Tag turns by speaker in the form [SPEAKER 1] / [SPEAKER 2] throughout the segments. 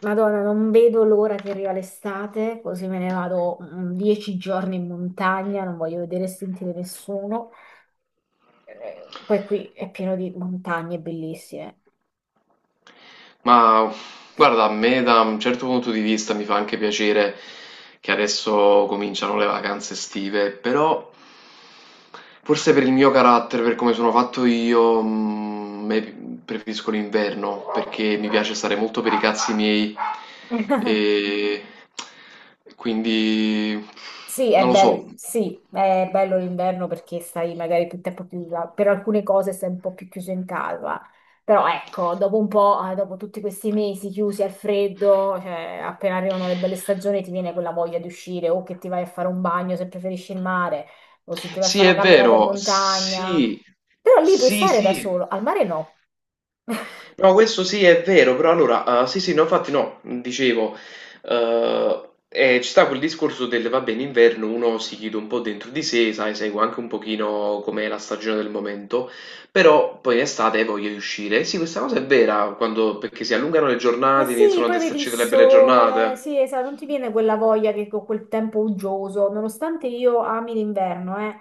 [SPEAKER 1] Madonna, non vedo l'ora che arriva l'estate, così me ne vado 10 giorni in montagna, non voglio vedere e sentire nessuno. Poi qui è pieno di montagne bellissime.
[SPEAKER 2] Ma guarda, a me da un certo punto di vista mi fa anche piacere che adesso cominciano le vacanze estive, però forse per il mio carattere, per come sono fatto io, preferisco l'inverno perché mi piace stare molto per i cazzi miei e quindi non lo so.
[SPEAKER 1] Sì, è bello l'inverno perché stai magari più tempo chiusa, per alcune cose stai un po' più chiuso in casa, però ecco, dopo un po', dopo tutti questi mesi chiusi al freddo, cioè, appena arrivano le belle stagioni ti viene quella voglia di uscire o che ti vai a fare un bagno se preferisci il mare o se ti vai a
[SPEAKER 2] Sì,
[SPEAKER 1] fare una
[SPEAKER 2] è
[SPEAKER 1] camminata in
[SPEAKER 2] vero,
[SPEAKER 1] montagna,
[SPEAKER 2] sì,
[SPEAKER 1] però lì puoi
[SPEAKER 2] sì,
[SPEAKER 1] stare da
[SPEAKER 2] sì.
[SPEAKER 1] solo, al mare no.
[SPEAKER 2] No, questo sì è vero, però allora, sì sì, no, infatti no, dicevo, ci sta quel discorso del, vabbè, in inverno uno si chiude un po' dentro di sé, sai, segue anche un pochino com'è la stagione del momento, però poi in estate voglio di uscire. Sì, questa cosa è vera, quando, perché si allungano le
[SPEAKER 1] Ma
[SPEAKER 2] giornate,
[SPEAKER 1] sì,
[SPEAKER 2] iniziano ad
[SPEAKER 1] poi vedi il
[SPEAKER 2] esserci delle belle
[SPEAKER 1] sole,
[SPEAKER 2] giornate.
[SPEAKER 1] sì, esatto, non ti viene quella voglia che con quel tempo uggioso, nonostante io ami l'inverno,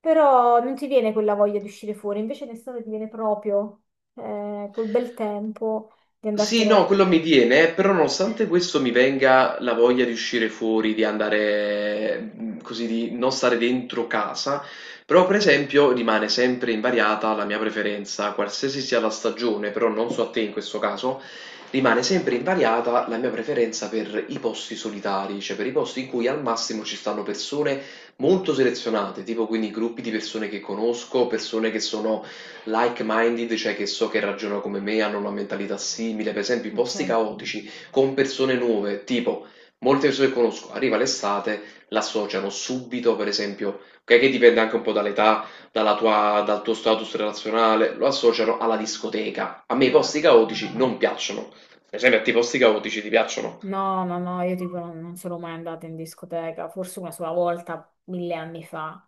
[SPEAKER 1] però non ti viene quella voglia di uscire fuori, invece in estate ti viene proprio quel bel tempo di
[SPEAKER 2] Sì, no,
[SPEAKER 1] andartene.
[SPEAKER 2] quello mi viene, però nonostante questo mi venga la voglia di uscire fuori, di andare, così, di non stare dentro casa, però per esempio rimane sempre invariata la mia preferenza, qualsiasi sia la stagione, però non so a te in questo caso, rimane sempre invariata la mia preferenza per i posti solitari, cioè per i posti in cui al massimo ci stanno persone molto selezionate, tipo quindi gruppi di persone che conosco, persone che sono like-minded, cioè che so che ragionano come me, hanno una mentalità simile, per esempio i
[SPEAKER 1] Ok.
[SPEAKER 2] posti caotici con persone nuove, tipo molte persone che conosco, arriva l'estate, l'associano subito, per esempio, ok, che dipende anche un po' dall'età, dal tuo status relazionale, lo associano alla discoteca. A me i
[SPEAKER 1] Eh.
[SPEAKER 2] posti caotici non piacciono. Per esempio, a te i posti caotici ti piacciono?
[SPEAKER 1] No, no, no, io tipo non sono mai andata in discoteca, forse una sola volta, 1000 anni fa.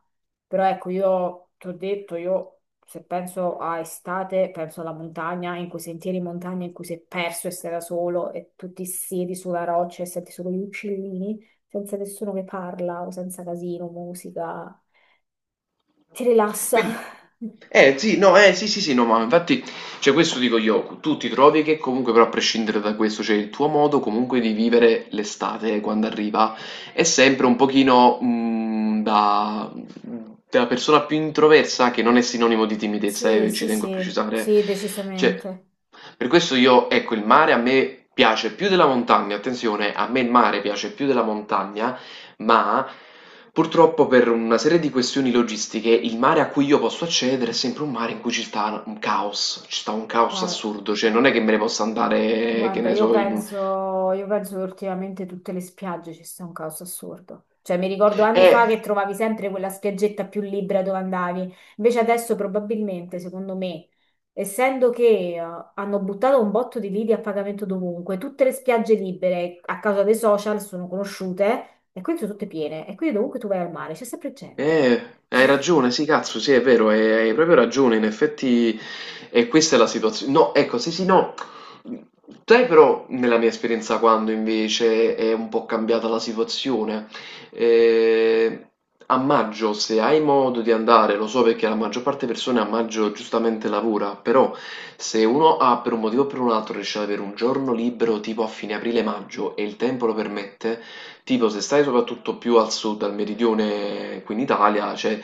[SPEAKER 1] Però ecco, io ti ho detto, io se penso a estate, penso alla montagna, in quei sentieri in montagna in cui sei perso e sei da solo e tu ti siedi sulla roccia e senti solo gli uccellini, senza nessuno che parla o senza casino, musica. Ti rilassa.
[SPEAKER 2] Quindi, eh sì, no, eh sì, sì, sì, no, ma infatti, cioè questo dico io, tu ti trovi che comunque però a prescindere da questo, cioè il tuo modo comunque di vivere l'estate quando arriva è sempre un pochino da persona più introversa che non è sinonimo di timidezza,
[SPEAKER 1] Sì,
[SPEAKER 2] ci
[SPEAKER 1] sì,
[SPEAKER 2] tengo a
[SPEAKER 1] sì,
[SPEAKER 2] precisare.
[SPEAKER 1] sì,
[SPEAKER 2] Cioè,
[SPEAKER 1] decisamente.
[SPEAKER 2] per questo io, ecco, il mare a me piace più della montagna, attenzione, a me il mare piace più della montagna ma, purtroppo per una serie di questioni logistiche, il mare a cui io posso accedere è sempre un mare in cui ci sta un caos, ci sta un caos
[SPEAKER 1] Guarda.
[SPEAKER 2] assurdo, cioè non è che me ne possa andare, che
[SPEAKER 1] Guarda,
[SPEAKER 2] ne
[SPEAKER 1] io
[SPEAKER 2] so, in un...
[SPEAKER 1] penso, io penso che ultimamente tutte le spiagge ci sia un caos assurdo. Cioè, mi ricordo anni
[SPEAKER 2] Eh...
[SPEAKER 1] fa che trovavi sempre quella spiaggetta più libera dove andavi. Invece adesso probabilmente, secondo me, essendo che hanno buttato un botto di lidi a pagamento dovunque, tutte le spiagge libere a causa dei social sono conosciute e quindi sono tutte piene. E quindi dovunque tu vai al mare c'è sempre gente.
[SPEAKER 2] Eh,
[SPEAKER 1] Cioè,
[SPEAKER 2] hai ragione, sì, cazzo, sì, è vero, hai proprio ragione, in effetti, e questa è la situazione. No, ecco, sì, sì, no. Sai però, nella mia esperienza, quando invece è un po' cambiata la situazione, Eh, a maggio, se hai modo di andare, lo so perché la maggior parte delle persone a maggio giustamente lavora, però se uno ha per un motivo o per un altro riesce ad avere un giorno libero tipo a fine aprile-maggio e il tempo lo permette, tipo, se stai soprattutto più al sud, al meridione qui in Italia, cioè,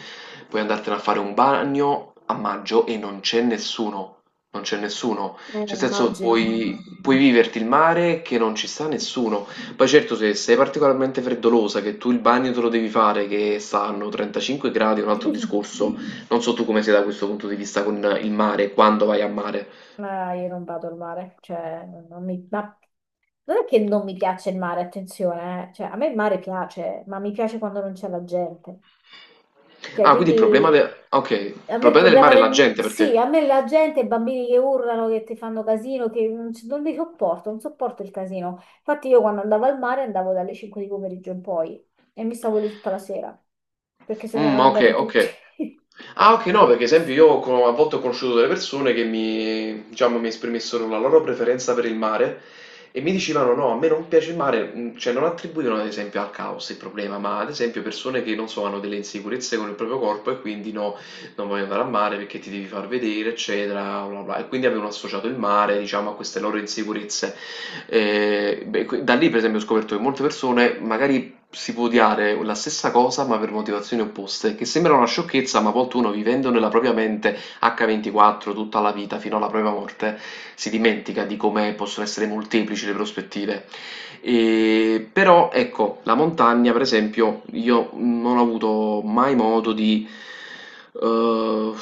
[SPEAKER 2] puoi andartene a fare un bagno a maggio e non c'è nessuno. Non c'è nessuno. Cioè, nel senso,
[SPEAKER 1] immagino.
[SPEAKER 2] puoi, puoi viverti il mare che non ci sta nessuno. Poi certo, se sei particolarmente freddolosa, che tu il bagno te lo devi fare, che stanno 35 gradi, è un altro discorso. Non so tu come sei da questo punto di vista con il mare, quando vai a mare.
[SPEAKER 1] Ma io non vado al mare, cioè, non non mi- ma non è che non mi piace il mare, attenzione, eh. Cioè, a me il mare piace, ma mi piace quando non c'è la gente. Cioè,
[SPEAKER 2] Ah, quindi il problema del...
[SPEAKER 1] quindi
[SPEAKER 2] Ok, il
[SPEAKER 1] a me il
[SPEAKER 2] problema del
[SPEAKER 1] problema
[SPEAKER 2] mare è la
[SPEAKER 1] del,
[SPEAKER 2] gente per
[SPEAKER 1] sì,
[SPEAKER 2] te.
[SPEAKER 1] a me la gente, i bambini che urlano, che ti fanno casino, che non li sopporto, non sopporto il casino. Infatti io quando andavo al mare andavo dalle 5 di pomeriggio in poi e mi stavo lì tutta la sera, perché se ne erano
[SPEAKER 2] Okay,
[SPEAKER 1] andati tutti.
[SPEAKER 2] okay. Ah, okay, no, perché esempio io co a volte ho conosciuto delle persone che mi diciamo, mi esprimessero la loro preferenza per il mare e mi dicevano: "No, a me non piace il mare", cioè non attribuivano ad esempio al caos il problema, ma ad esempio persone che, non so, hanno delle insicurezze con il proprio corpo e quindi: "No, non voglio andare al mare perché ti devi far vedere", eccetera, bla, bla. E quindi avevano associato il mare, diciamo, a queste loro insicurezze. Beh, qui da lì per esempio ho scoperto che molte persone magari si può odiare la stessa cosa ma per motivazioni opposte, che sembra una sciocchezza, ma a volte uno vivendo nella propria mente H24 tutta la vita fino alla propria morte si dimentica di come possono essere molteplici le prospettive. E, però ecco, la montagna, per esempio, io non ho avuto mai modo di Uh,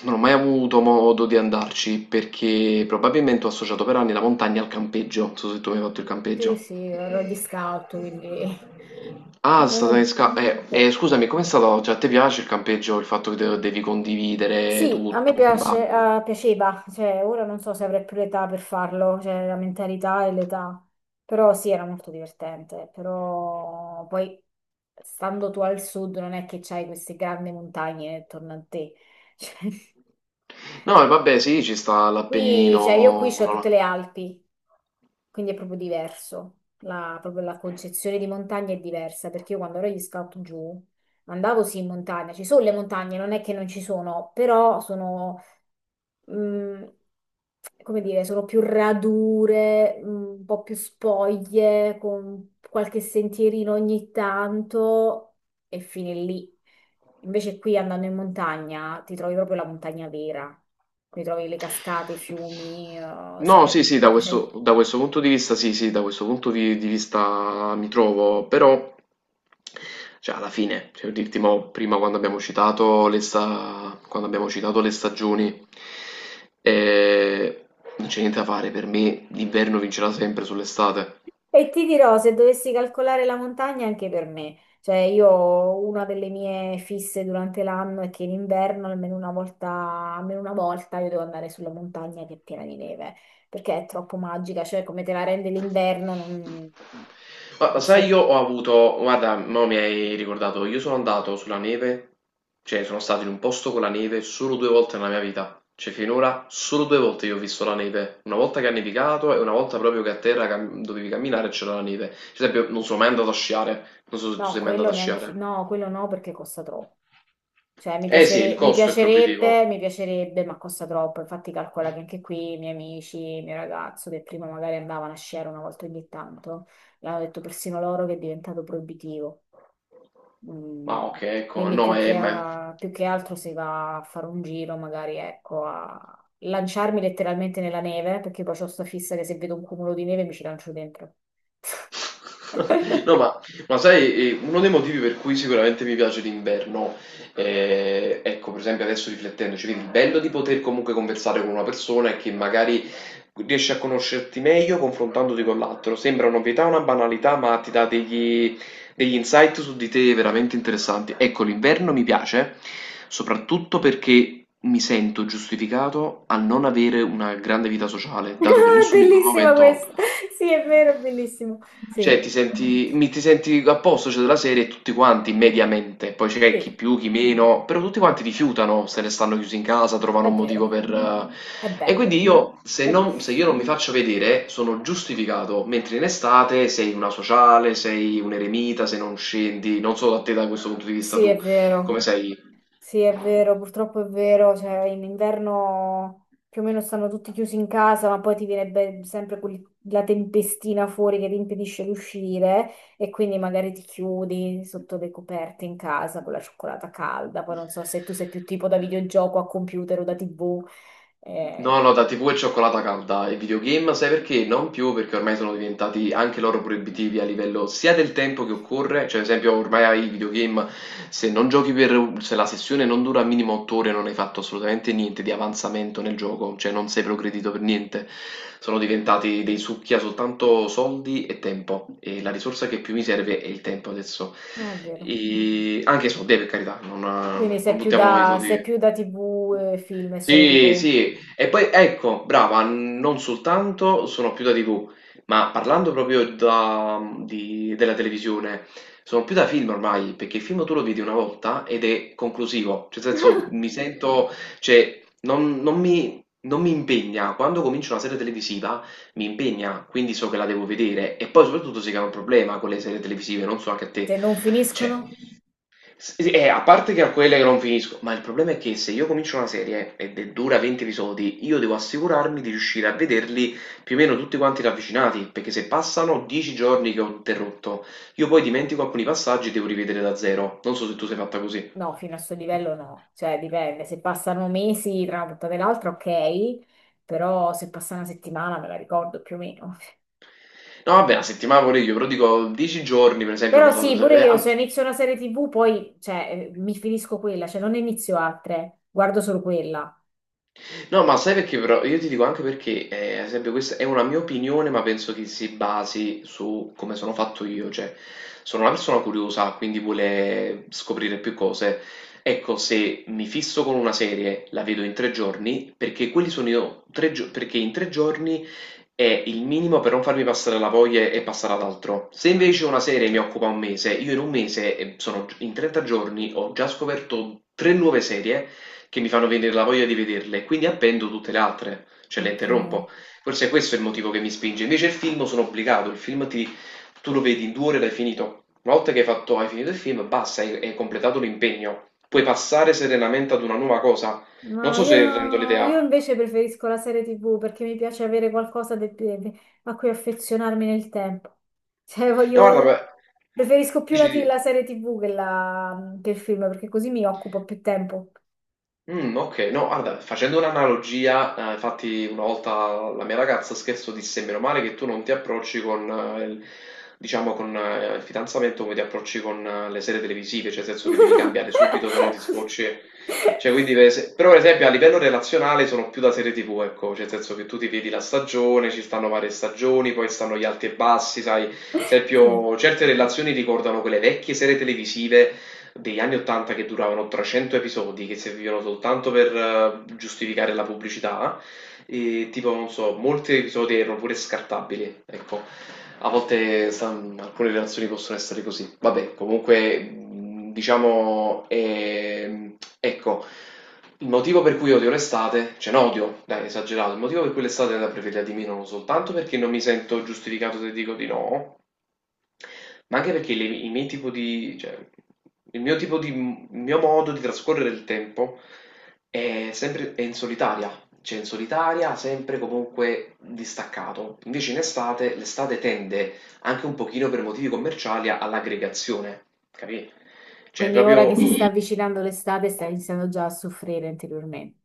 [SPEAKER 2] non ho mai avuto modo di andarci perché probabilmente ho associato per anni la montagna al campeggio. Non so se tu mi hai fatto il
[SPEAKER 1] Sì,
[SPEAKER 2] campeggio.
[SPEAKER 1] sì, ero gli scout, quindi.
[SPEAKER 2] Ah, è stata
[SPEAKER 1] Sì.
[SPEAKER 2] scusami, com'è stato? Cioè, a te piace il campeggio, il fatto che devi condividere
[SPEAKER 1] Sì, a me
[SPEAKER 2] tutto, il
[SPEAKER 1] piace,
[SPEAKER 2] bagno?
[SPEAKER 1] piaceva, cioè ora non so se avrei più l'età per farlo, cioè la mentalità e l'età, però sì, era molto divertente, però poi stando tu al sud non è che c'hai queste grandi montagne attorno a te. Cioè,
[SPEAKER 2] No, e vabbè, sì, ci sta
[SPEAKER 1] qui, cioè io qui
[SPEAKER 2] l'Appennino,
[SPEAKER 1] c'ho
[SPEAKER 2] quello
[SPEAKER 1] tutte
[SPEAKER 2] là.
[SPEAKER 1] le Alpi, quindi è proprio diverso, la, proprio la concezione di montagna è diversa, perché io quando ero agli scout giù andavo sì in montagna, ci sono le montagne, non è che non ci sono, però sono mm, come dire, sono più radure, un po' più spoglie, con qualche sentierino ogni tanto e fine lì. Invece qui andando in montagna ti trovi proprio la montagna vera, qui trovi le cascate, i fiumi, se
[SPEAKER 2] No,
[SPEAKER 1] vai
[SPEAKER 2] sì, sì,
[SPEAKER 1] tanto c'è.
[SPEAKER 2] da questo punto di vista, sì, sì, da questo punto di vista mi trovo, però, cioè, alla fine, cioè, dirti mo, prima quando abbiamo citato le stagioni, eh, non c'è niente da fare, per me l'inverno vincerà sempre sull'estate.
[SPEAKER 1] E ti dirò, se dovessi calcolare la montagna anche per me, cioè io una delle mie fisse durante l'anno è che in inverno almeno una volta io devo andare sulla montagna che è piena di neve, perché è troppo magica, cioè come te la rende l'inverno non,
[SPEAKER 2] Ma lo
[SPEAKER 1] non
[SPEAKER 2] sai,
[SPEAKER 1] c'è,
[SPEAKER 2] io ho avuto, guarda, mo mi hai ricordato, io sono andato sulla neve, cioè sono stato in un posto con la neve solo due volte nella mia vita, cioè finora solo due volte io ho visto la neve, una volta che ha nevicato e una volta proprio che a terra dovevi camminare e c'era la neve, ad esempio non sono mai andato a sciare, non so se tu
[SPEAKER 1] no,
[SPEAKER 2] sei mai andato
[SPEAKER 1] quello
[SPEAKER 2] a
[SPEAKER 1] neanche,
[SPEAKER 2] sciare.
[SPEAKER 1] no, quello no perché costa troppo. Cioè,
[SPEAKER 2] Eh sì, il costo è proibitivo,
[SPEAKER 1] mi piacerebbe, ma costa troppo. Infatti, calcola che anche qui i miei amici, il mio ragazzo del primo magari andavano a sciare una volta ogni tanto, e hanno detto persino loro che è diventato proibitivo.
[SPEAKER 2] ma
[SPEAKER 1] Mm,
[SPEAKER 2] ok, ecco,
[SPEAKER 1] Quindi
[SPEAKER 2] no, ma...
[SPEAKER 1] più che altro si va a fare un giro, magari ecco, a lanciarmi letteralmente nella neve, perché poi ho sta fissa che se vedo un cumulo di neve mi ci lancio dentro.
[SPEAKER 2] No, ma, sai, uno dei motivi per cui sicuramente mi piace l'inverno, ecco, per esempio adesso riflettendoci, quindi il bello di poter comunque conversare con una persona e che magari riesci a conoscerti meglio confrontandoti con l'altro. Sembra un'ovvietà, una banalità, ma ti dà degli insight su di te veramente interessanti. Ecco, l'inverno mi piace soprattutto perché mi sento giustificato a non avere una grande vita sociale, dato che
[SPEAKER 1] Ah,
[SPEAKER 2] nessuno in quel
[SPEAKER 1] bellissima
[SPEAKER 2] momento
[SPEAKER 1] questa! Sì, è vero, è bellissimo.
[SPEAKER 2] cioè,
[SPEAKER 1] Sì,
[SPEAKER 2] ti senti, ti senti a posto, cioè, della serie, tutti quanti, mediamente. Poi c'è chi
[SPEAKER 1] sì,
[SPEAKER 2] più, chi meno, però tutti quanti rifiutano, se ne stanno chiusi in casa, trovano
[SPEAKER 1] è
[SPEAKER 2] un motivo
[SPEAKER 1] vero.
[SPEAKER 2] per...
[SPEAKER 1] È
[SPEAKER 2] E quindi
[SPEAKER 1] bello.
[SPEAKER 2] io,
[SPEAKER 1] Eh,
[SPEAKER 2] se io non mi faccio vedere, sono giustificato, mentre in estate sei una sociale, sei un eremita, se non scendi, non so da te da questo punto di vista
[SPEAKER 1] Sì, è
[SPEAKER 2] tu, come
[SPEAKER 1] vero,
[SPEAKER 2] sei.
[SPEAKER 1] sì, è vero, purtroppo è vero, cioè in inverno più o meno stanno tutti chiusi in casa, ma poi ti viene sempre la tempestina fuori che ti impedisce di uscire e quindi magari ti chiudi sotto le coperte in casa con la cioccolata calda, poi non so se tu sei più tipo da videogioco a computer o da TV,
[SPEAKER 2] No, no,
[SPEAKER 1] eh,
[SPEAKER 2] da TV e cioccolata calda e videogame, sai perché? Non più perché ormai sono diventati anche loro proibitivi a livello sia del tempo che occorre, cioè ad esempio ormai ai videogame se la sessione non dura minimo 8 ore non hai fatto assolutamente niente di avanzamento nel gioco, cioè non sei progredito per niente, sono diventati dei succhi a soltanto soldi e tempo e la risorsa che più mi serve è il tempo adesso,
[SPEAKER 1] è vero.
[SPEAKER 2] e anche i soldi per carità,
[SPEAKER 1] Quindi sei
[SPEAKER 2] non
[SPEAKER 1] più
[SPEAKER 2] buttiamo i
[SPEAKER 1] da,
[SPEAKER 2] soldi
[SPEAKER 1] sei
[SPEAKER 2] via.
[SPEAKER 1] più da TV, film e serie
[SPEAKER 2] Sì,
[SPEAKER 1] TV.
[SPEAKER 2] sì, e poi ecco, brava, non soltanto sono più da TV, ma parlando proprio della televisione, sono più da film ormai, perché il film tu lo vedi una volta ed è conclusivo, cioè nel senso mi sento, cioè non mi impegna, quando comincio una serie televisiva mi impegna, quindi so che la devo vedere e poi soprattutto si crea un problema con le serie televisive, non so anche a te,
[SPEAKER 1] Se non
[SPEAKER 2] cioè
[SPEAKER 1] finiscono?
[SPEAKER 2] S sì, a parte che a quelle che non finisco, ma il problema è che se io comincio una serie ed è dura 20 episodi, io devo assicurarmi di riuscire a vederli più o meno tutti quanti ravvicinati, perché se passano 10 giorni che ho interrotto, io poi dimentico alcuni passaggi e devo rivedere da zero. Non so se tu sei fatta così.
[SPEAKER 1] No, fino al suo livello no, cioè dipende, se passano mesi tra una puntata e l'altra ok, però se passa una settimana me la ricordo più o meno.
[SPEAKER 2] No, vabbè, la settimana pure io, però dico 10 giorni, per esempio, ho
[SPEAKER 1] Però sì,
[SPEAKER 2] notato.
[SPEAKER 1] pure io se inizio una serie TV poi cioè, mi finisco quella, cioè non ne inizio altre, guardo solo quella.
[SPEAKER 2] No, ma sai perché però? Io ti dico anche perché, ad esempio, questa è una mia opinione, ma penso che si basi su come sono fatto io, cioè sono una persona curiosa, quindi vuole scoprire più cose. Ecco, se mi fisso con una serie, la vedo in 3 giorni, perché quelli sono io, perché in 3 giorni è il minimo per non farmi passare la voglia e passare ad altro. Se
[SPEAKER 1] Ah,
[SPEAKER 2] invece una serie mi occupa un mese, io in un mese, sono in 30 giorni, ho già scoperto tre nuove serie che mi fanno venire la voglia di vederle e quindi appendo tutte le altre, cioè le
[SPEAKER 1] ok.
[SPEAKER 2] interrompo. Forse questo è il motivo che mi spinge. Invece il film sono obbligato, il film ti, tu lo vedi in 2 ore e l'hai finito. Una volta che hai fatto, hai finito il film, basta, hai, hai completato l'impegno. Puoi passare serenamente ad una nuova cosa. Non
[SPEAKER 1] No,
[SPEAKER 2] so se rendo
[SPEAKER 1] io
[SPEAKER 2] l'idea.
[SPEAKER 1] invece preferisco la serie TV perché mi piace avere qualcosa a cui affezionarmi nel tempo. Cioè,
[SPEAKER 2] No, guarda, beh,
[SPEAKER 1] voglio... Preferisco più la,
[SPEAKER 2] dici,
[SPEAKER 1] ti-
[SPEAKER 2] di.
[SPEAKER 1] la serie TV che il film perché così mi occupo più tempo.
[SPEAKER 2] Okay. No, guarda, facendo un'analogia, infatti una volta la mia ragazza, scherzo, disse: "Meno male che tu non ti approcci con il diciamo con il fidanzamento come ti approcci con le serie televisive, cioè nel senso che devi cambiare subito, se no ti scocci". Cioè quindi però per esempio a livello relazionale sono più da serie TV, ecco, cioè nel senso che tu ti vedi la stagione, ci stanno varie stagioni, poi stanno gli alti e bassi, sai,
[SPEAKER 1] Sì.
[SPEAKER 2] esempio certe relazioni ricordano quelle vecchie serie televisive degli anni 80 che duravano 300 episodi, che servivano soltanto per giustificare la pubblicità, e tipo, non so, molti episodi erano pure scartabili, ecco. A volte sa- alcune relazioni possono essere così. Vabbè, comunque, diciamo, ecco, il motivo per cui odio l'estate, cioè no, odio, dai, esagerato, il motivo per cui l'estate è da preferire di meno non soltanto perché non mi sento giustificato se dico di no, ma anche perché le i miei tipo di cioè, il mio tipo di il mio modo di trascorrere il tempo è sempre è in solitaria, cioè in solitaria, sempre comunque distaccato. Invece in estate, l'estate tende anche un pochino per motivi commerciali all'aggregazione, capì? Cioè
[SPEAKER 1] Quindi ora
[SPEAKER 2] proprio
[SPEAKER 1] che si sta avvicinando l'estate, stai iniziando già a soffrire interiormente.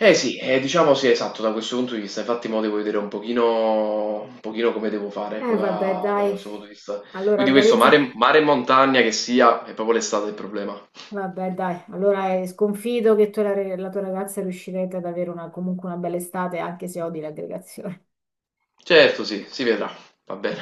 [SPEAKER 2] Eh sì, diciamo sì, esatto, da questo punto di vista, infatti mo devo vedere un pochino come devo fare, ecco,
[SPEAKER 1] Vabbè,
[SPEAKER 2] da, da
[SPEAKER 1] dai.
[SPEAKER 2] questo punto di vista.
[SPEAKER 1] Allora,
[SPEAKER 2] Quindi questo
[SPEAKER 1] organizza.
[SPEAKER 2] mare, mare e montagna che sia, è proprio l'estate il problema.
[SPEAKER 1] Vabbè, dai, allora sconfido che tu e la tua ragazza riuscirete ad avere comunque una bella estate, anche se odi l'aggregazione.
[SPEAKER 2] Certo, sì, si vedrà, va bene.